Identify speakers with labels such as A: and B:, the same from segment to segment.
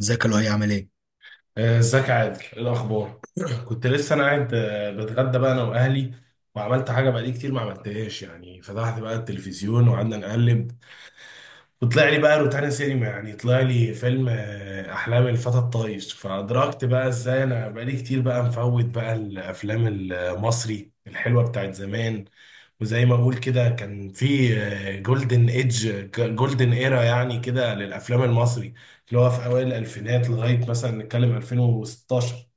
A: ازيك يا لؤي عامل ايه؟
B: ازيك يا عادل؟ ايه الاخبار؟ كنت لسه انا قاعد، بتغدى بقى انا واهلي، وعملت حاجه بقالي كتير ما عملتهاش. يعني فتحت بقى التلفزيون وقعدنا نقلب، وطلع لي بقى روتانا سينما. يعني طلع لي فيلم، أحلام الفتى الطايش. فأدركت بقى إزاي أنا بقالي كتير بقى مفوت بقى الأفلام المصري الحلوة بتاعت زمان. وزي ما أقول كده، كان في جولدن إيدج، جولدن إيرا يعني كده للأفلام المصري، اللي هو في أوائل الألفينات لغاية مثلا نتكلم 2016.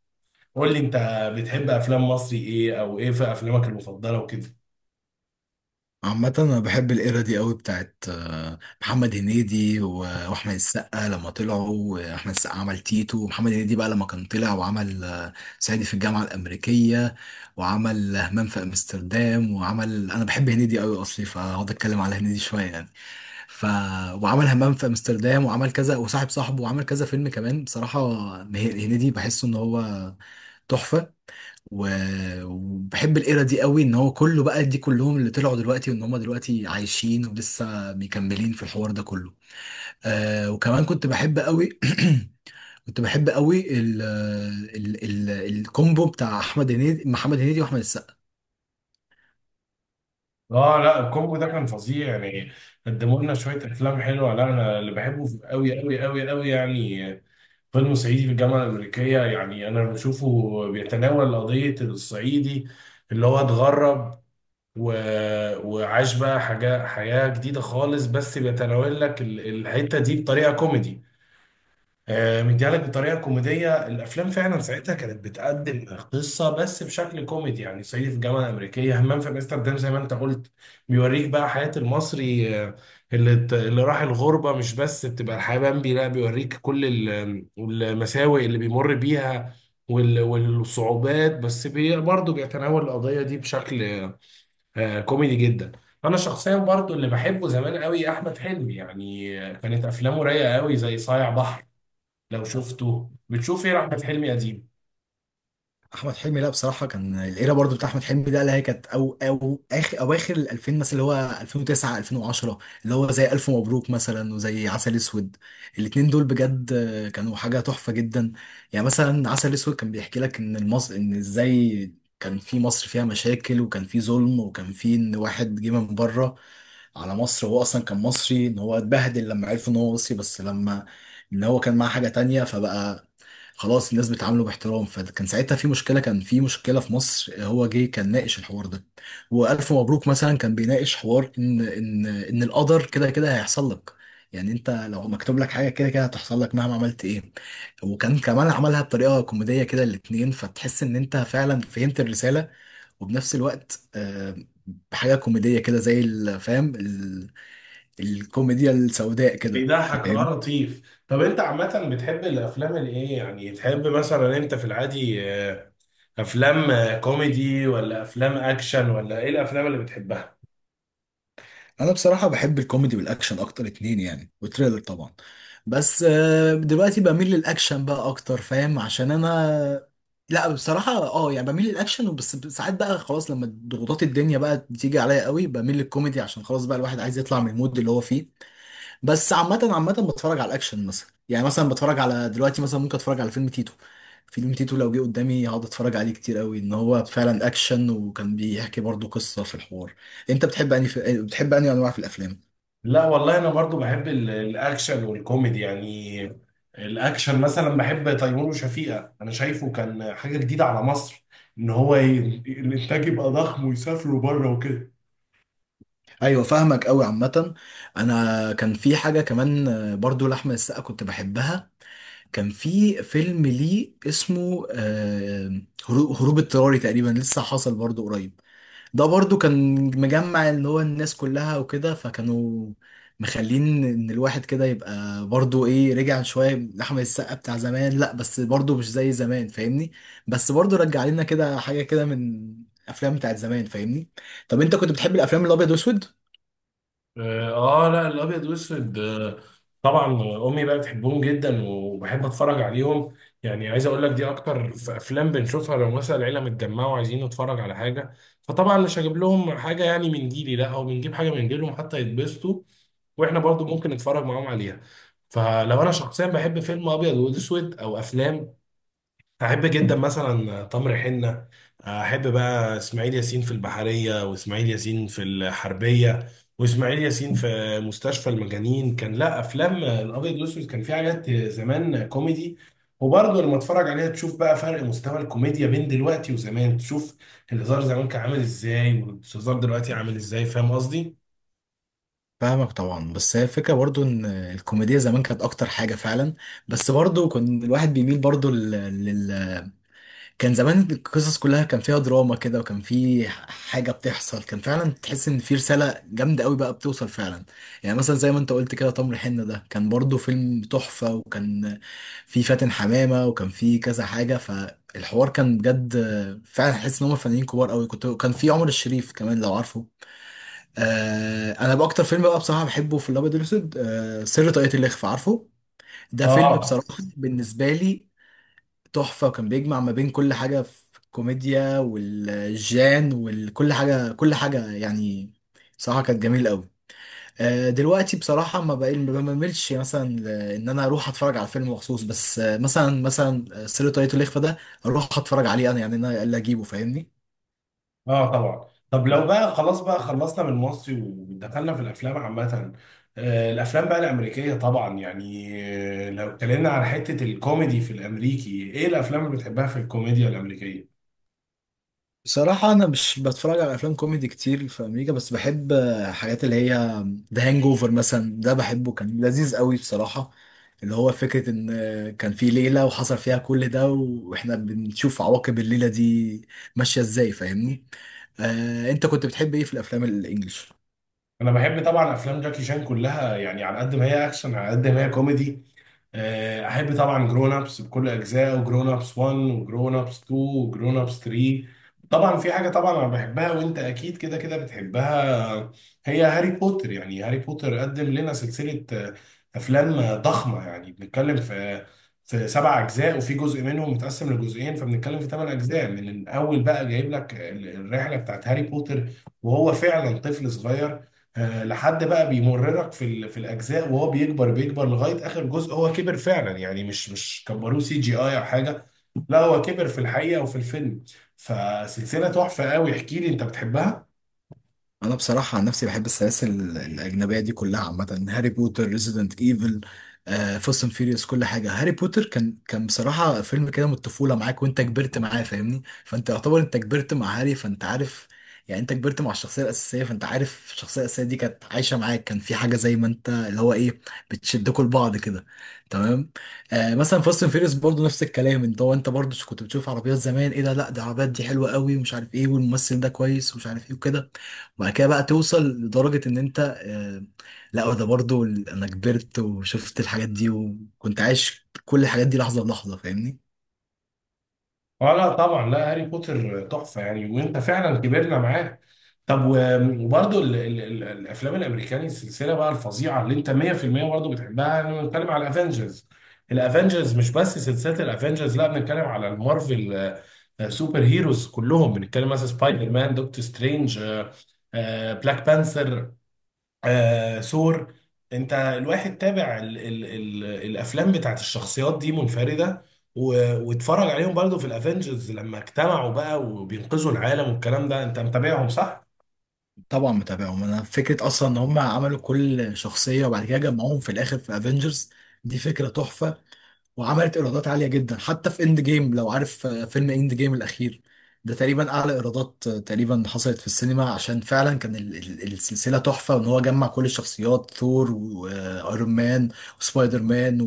B: قول لي أنت، بتحب أفلام مصري إيه؟ أو إيه في أفلامك المفضلة وكده؟
A: عامة انا بحب الايرا دي قوي بتاعت محمد هنيدي و- واحمد السقا لما طلعوا، واحمد السقا عمل تيتو، ومحمد هنيدي بقى لما كان طلع وعمل صعيدي في الجامعة الأمريكية، وعمل همام في امستردام، وعمل انا بحب هنيدي قوي اصلي فهقعد اتكلم على هنيدي شوية يعني ف وعمل همام في امستردام وعمل كذا، وصاحب صاحبه وعمل كذا فيلم كمان. بصراحة هنيدي بحسه ان هو تحفة. و- وبحب الايرا دي قوي ان هو كله بقى، دي كلهم اللي طلعوا دلوقتي وان هم دلوقتي عايشين ولسه مكملين في الحوار ده كله. آه، وكمان كنت بحب قوي كنت بحب قوي ال الكومبو بتاع احمد هنيدي، محمد هنيدي واحمد السقا.
B: اه، لا الكومبو ده كان فظيع يعني، قدموا لنا شويه افلام حلوه. لا انا اللي بحبه قوي قوي قوي قوي يعني فيلم صعيدي في الجامعه الامريكيه. يعني انا بشوفه بيتناول قضيه الصعيدي اللي هو اتغرب و... وعاش بقى حاجه، حياه جديده خالص، بس بيتناول لك الحته دي بطريقه كوميدي. مديها لك بطريقه كوميديه. الافلام فعلا ساعتها كانت بتقدم قصه بس بشكل كوميدي. يعني صعيدي في الجامعه الامريكيه، همام في امستردام، زي ما انت قلت، بيوريك بقى حياه المصري، اللي راح الغربه. مش بس بتبقى الحياه بامبي، لا بيوريك كل المساوئ اللي بيمر بيها والصعوبات، بس بي برضه بيتناول القضيه دي بشكل كوميدي جدا. انا شخصيا برضه اللي بحبه زمان قوي احمد حلمي. يعني كانت افلامه رايقه قوي زي صايع بحر. لو شفته، بتشوف ايه احمد حلمي قديم؟
A: احمد حلمي، لا بصراحه كان الايرا برضو بتاع احمد حلمي ده اللي هي كانت او اخر اواخر ال 2000 مثلا، اللي هو 2009، 2010، اللي هو زي الف مبروك مثلا وزي عسل اسود. الاتنين دول بجد كانوا حاجه تحفه جدا. يعني مثلا عسل اسود كان بيحكي لك ان المصر، ان ازاي كان في مصر فيها مشاكل، وكان في ظلم، وكان في ان واحد جه من بره على مصر، هو اصلا كان مصري، ان هو اتبهدل لما عرفوا ان هو مصري، بس لما ان هو كان معاه حاجة تانية فبقى خلاص الناس بتعامله باحترام، فكان ساعتها في مشكلة، كان في مشكلة في مصر، هو جه كان ناقش الحوار ده. وألف مبروك مثلا كان بيناقش حوار ان ان القدر كده كده هيحصل لك، يعني انت لو مكتوب لك حاجة كده كده هتحصل لك مهما عملت ايه. وكان كمان عملها بطريقة كوميدية كده الاتنين، فتحس ان انت فعلا فهمت الرسالة، وبنفس الوقت بحاجة كوميدية كده زي الفهم، الكوميديا السوداء كده،
B: بيضحك
A: فاهم.
B: اه لطيف. طب انت عامة بتحب الافلام الايه؟ يعني تحب مثلا انت في العادي آه، افلام، كوميدي ولا افلام اكشن؟ ولا ايه الافلام اللي بتحبها؟
A: انا بصراحه بحب الكوميدي والاكشن اكتر اتنين يعني، وتريلر طبعا. بس دلوقتي بميل للاكشن بقى اكتر، فاهم، عشان انا لا بصراحه اه يعني بميل للاكشن، بس ساعات بقى خلاص لما ضغوطات الدنيا بقى بتيجي عليا قوي بميل للكوميدي، عشان خلاص بقى الواحد عايز يطلع من المود اللي هو فيه. بس عامة عامة بتفرج على الأكشن مثلا، يعني مثلا بتفرج على دلوقتي مثلا ممكن أتفرج على فيلم تيتو. فيلم تيتو لو جه قدامي هقعد أتفرج عليه كتير قوي، إن هو فعلا أكشن وكان بيحكي برضه قصة في الحوار. أنت بتحب أني في بتحب أني أنواع في الأفلام؟
B: لا والله، انا برضو بحب الاكشن والكوميدي يعني. الاكشن مثلا بحب تيمور وشفيقة، انا شايفه كان حاجة جديدة على مصر، ان هو ي- الانتاج يبقى ضخم، ويسافروا بره وكده.
A: أيوة، فاهمك قوي. عامة أنا كان في حاجة كمان برضه لأحمد السقا كنت بحبها، كان في فيلم ليه اسمه هروب اضطراري تقريبا، لسه حصل برضه قريب. ده برضو كان مجمع اللي هو الناس كلها وكده، فكانوا مخلين ان الواحد كده يبقى برضو ايه، رجع شوية لأحمد السقا بتاع زمان، لا بس برضو مش زي زمان، فاهمني؟ بس برضو رجع لنا كده حاجة كده من افلام بتاعت زمان، فاهمني؟ طب انت كنت بتحب الافلام الابيض واسود؟
B: اه، لا الابيض واسود، طبعا. امي بقى بتحبهم جدا، وبحب اتفرج عليهم. يعني عايز اقول لك دي اكتر افلام بنشوفها لو مثلا العيله متجمعه وعايزين نتفرج على حاجه. فطبعا مش هجيب لهم حاجه يعني من جيلي، لا او بنجيب حاجه من جيلهم حتى يتبسطوا، واحنا برضو ممكن نتفرج معاهم عليها. فلو انا شخصيا بحب فيلم ابيض واسود او افلام، احب جدا مثلا تمر حنه. احب بقى اسماعيل ياسين في البحريه، واسماعيل ياسين في الحربيه، واسماعيل ياسين في مستشفى المجانين. كان لا افلام الابيض والاسود كان في حاجات زمان كوميدي. وبرضه لما اتفرج عليها تشوف بقى فرق مستوى الكوميديا بين دلوقتي وزمان. تشوف الهزار زمان كان عامل ازاي، والهزار دلوقتي عامل ازاي. فاهم قصدي؟
A: فاهمك طبعا، بس هي الفكرة برضو ان الكوميديا زمان كانت اكتر حاجة فعلا، بس برضو كان الواحد بيميل برضو لل... كان زمان القصص كلها كان فيها دراما كده، وكان في حاجة بتحصل، كان فعلا تحس ان في رسالة جامدة قوي بقى بتوصل فعلا. يعني مثلا زي ما انت قلت كده، تمر حنة ده كان برضو فيلم تحفة، وكان في فاتن حمامة، وكان في كذا حاجة، فالحوار كان بجد فعلا، حس ان هم فنانين كبار قوي، كنت كان في عمر الشريف كمان لو عارفه. آه، انا بقى اكتر فيلم بقى بصراحة بحبه في الابيض والاسود آه سر طاقية الإخفاء، عارفه؟ ده فيلم
B: اه.
A: بصراحة بالنسبة لي تحفة، وكان بيجمع ما بين كل حاجة، في الكوميديا والجان وكل حاجة، كل حاجة يعني. بصراحة كانت جميلة قوي. دلوقتي بصراحة ما بقى ما بملش مثلا إن أنا أروح أتفرج على فيلم مخصوص، بس مثلا سر طاقية الإخفاء ده أروح أتفرج عليه أنا، يعني أنا اللي أجيبه، فاهمني؟
B: اه طبعا. طب لو بقى خلاص بقى خلصنا من المصري ودخلنا في الافلام عامه، الافلام بقى الامريكيه طبعا، يعني لو اتكلمنا عن حته الكوميدي في الامريكي، ايه الافلام اللي بتحبها في الكوميديا الامريكيه؟
A: بصراحة أنا مش بتفرج على أفلام كوميدي كتير في أمريكا، بس بحب حاجات اللي هي ذا هانج أوفر مثلا، ده بحبه كان لذيذ قوي بصراحة، اللي هو فكرة إن كان في ليلة وحصل فيها كل ده، وإحنا بنشوف عواقب الليلة دي ماشية إزاي، فاهمني؟ أنت كنت بتحب إيه في الأفلام الإنجليش؟
B: انا بحب طبعا افلام جاكي شان كلها، يعني على قد ما هي اكشن على قد ما هي كوميدي. احب طبعا جرون ابس بكل اجزائه، وجرون ابس 1 وجرون ابس 2 وجرون ابس 3. طبعا في حاجه طبعا انا بحبها وانت اكيد كده كده بتحبها، هي هاري بوتر. يعني هاري بوتر قدم لنا سلسله، افلام ضخمه. يعني بنتكلم في في سبع اجزاء، وفي جزء منهم متقسم لجزئين، فبنتكلم في ثمان اجزاء. من الاول بقى جايب لك الرحله بتاعت هاري بوتر وهو فعلا طفل صغير، لحد بقى بيمررك في في الاجزاء وهو بيكبر بيكبر لغايه اخر جزء هو كبر فعلا. يعني مش كبروه سي جي اي او حاجه، لا هو كبر في الحقيقه وفي الفيلم. فسلسله تحفه قوي. احكي لي انت بتحبها؟
A: انا بصراحه عن نفسي بحب السلاسل الاجنبيه دي كلها عامه، هاري بوتر، ريزيدنت ايفل، فاست اند فيريوس، كل حاجه. هاري بوتر كان بصراحه فيلم كده من الطفوله معاك، وانت كبرت معاه، فاهمني؟ فانت يعتبر انت كبرت مع هاري، فانت عارف يعني انت كبرت مع الشخصيه الاساسيه، فانت عارف الشخصيه الاساسيه دي كانت عايشه معاك، كان في حاجه زي ما انت اللي هو ايه، بتشدكوا لبعض كده، تمام. آه مثلا فاست اند فيريوس برضه نفس الكلام، انت هو انت برضه كنت بتشوف عربيات زمان، ايه ده، لا ده العربيات دي حلوه قوي، ومش عارف ايه، والممثل ده كويس، ومش عارف ايه وكده. بعد كده بقى توصل لدرجة إن أنت لا ده برضو أنا كبرت وشفت الحاجات دي، وكنت عايش كل الحاجات دي لحظة بلحظة، فاهمني؟
B: اه لا طبعا، لا هاري بوتر تحفه يعني، وانت فعلا كبرنا معاه. طب وبرضه الافلام الامريكاني السلسله بقى الفظيعه اللي انت 100% برضه بتحبها، انا بنتكلم على الافنجرز. الافنجرز مش بس سلسله الافنجرز، لا بنتكلم على المارفل، سوبر هيروز كلهم. بنتكلم مثلا سبايدر مان، دكتور سترينج، بلاك بانثر، آه ثور. انت الواحد تابع ال ال ال الافلام بتاعت الشخصيات دي منفردة، واتفرج عليهم برضو في الافنجرز لما اجتمعوا بقى وبينقذوا العالم والكلام ده. انت متابعهم صح؟
A: طبعا متابعهم. أنا فكرة أصلا إن هم عملوا كل شخصية وبعد كده جمعوهم في الآخر في أفينجرز، دي فكرة تحفة، وعملت إيرادات عالية جدا حتى في إند جيم، لو عارف فيلم إند جيم الأخير ده تقريبا أعلى إيرادات تقريبا حصلت في السينما، عشان فعلا كان السلسلة تحفة، وإن هو جمع كل الشخصيات، ثور، وأيرون مان، وسبايدر مان،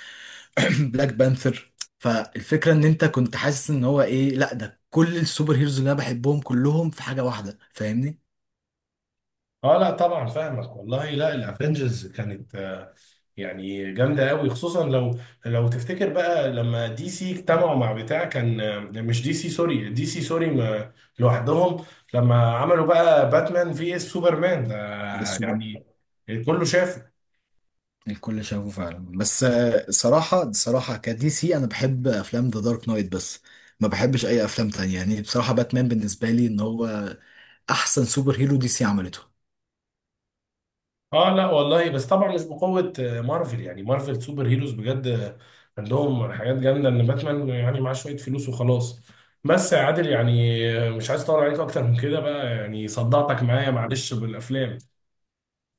A: بلاك بانثر. فالفكره ان انت كنت حاسس ان هو ايه، لا ده كل السوبر هيروز اللي انا بحبهم كلهم في حاجه واحده، فاهمني؟
B: اه لا طبعا فاهمك والله. لا الافنجرز كانت يعني جامدة قوي، خصوصا لو لو تفتكر بقى لما دي سي اجتمعوا مع بتاع كان، مش دي سي سوري، دي سي سوري لوحدهم، لما عملوا بقى باتمان في اس سوبرمان ده
A: ده سوبرمان
B: يعني، كله شاف.
A: الكل شافه فعلا، بس صراحه بصراحه كدي سي انا بحب افلام ذا دارك نايت بس، ما بحبش اي افلام تانية، يعني بصراحه باتمان بالنسبه لي ان هو احسن سوبر هيرو دي سي عملته.
B: اه لا والله، بس طبعا مش بقوة مارفل. يعني مارفل سوبر هيروز بجد عندهم حاجات جامدة. ان باتمان يعني معاه شوية فلوس وخلاص. بس يا عادل يعني، مش عايز اطول عليك اكتر من كده بقى، يعني صدعتك معايا معلش بالافلام.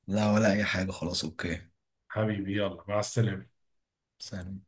A: لا ولا اي حاجه، خلاص، اوكي.
B: حبيبي يلا مع السلامة.
A: سلام.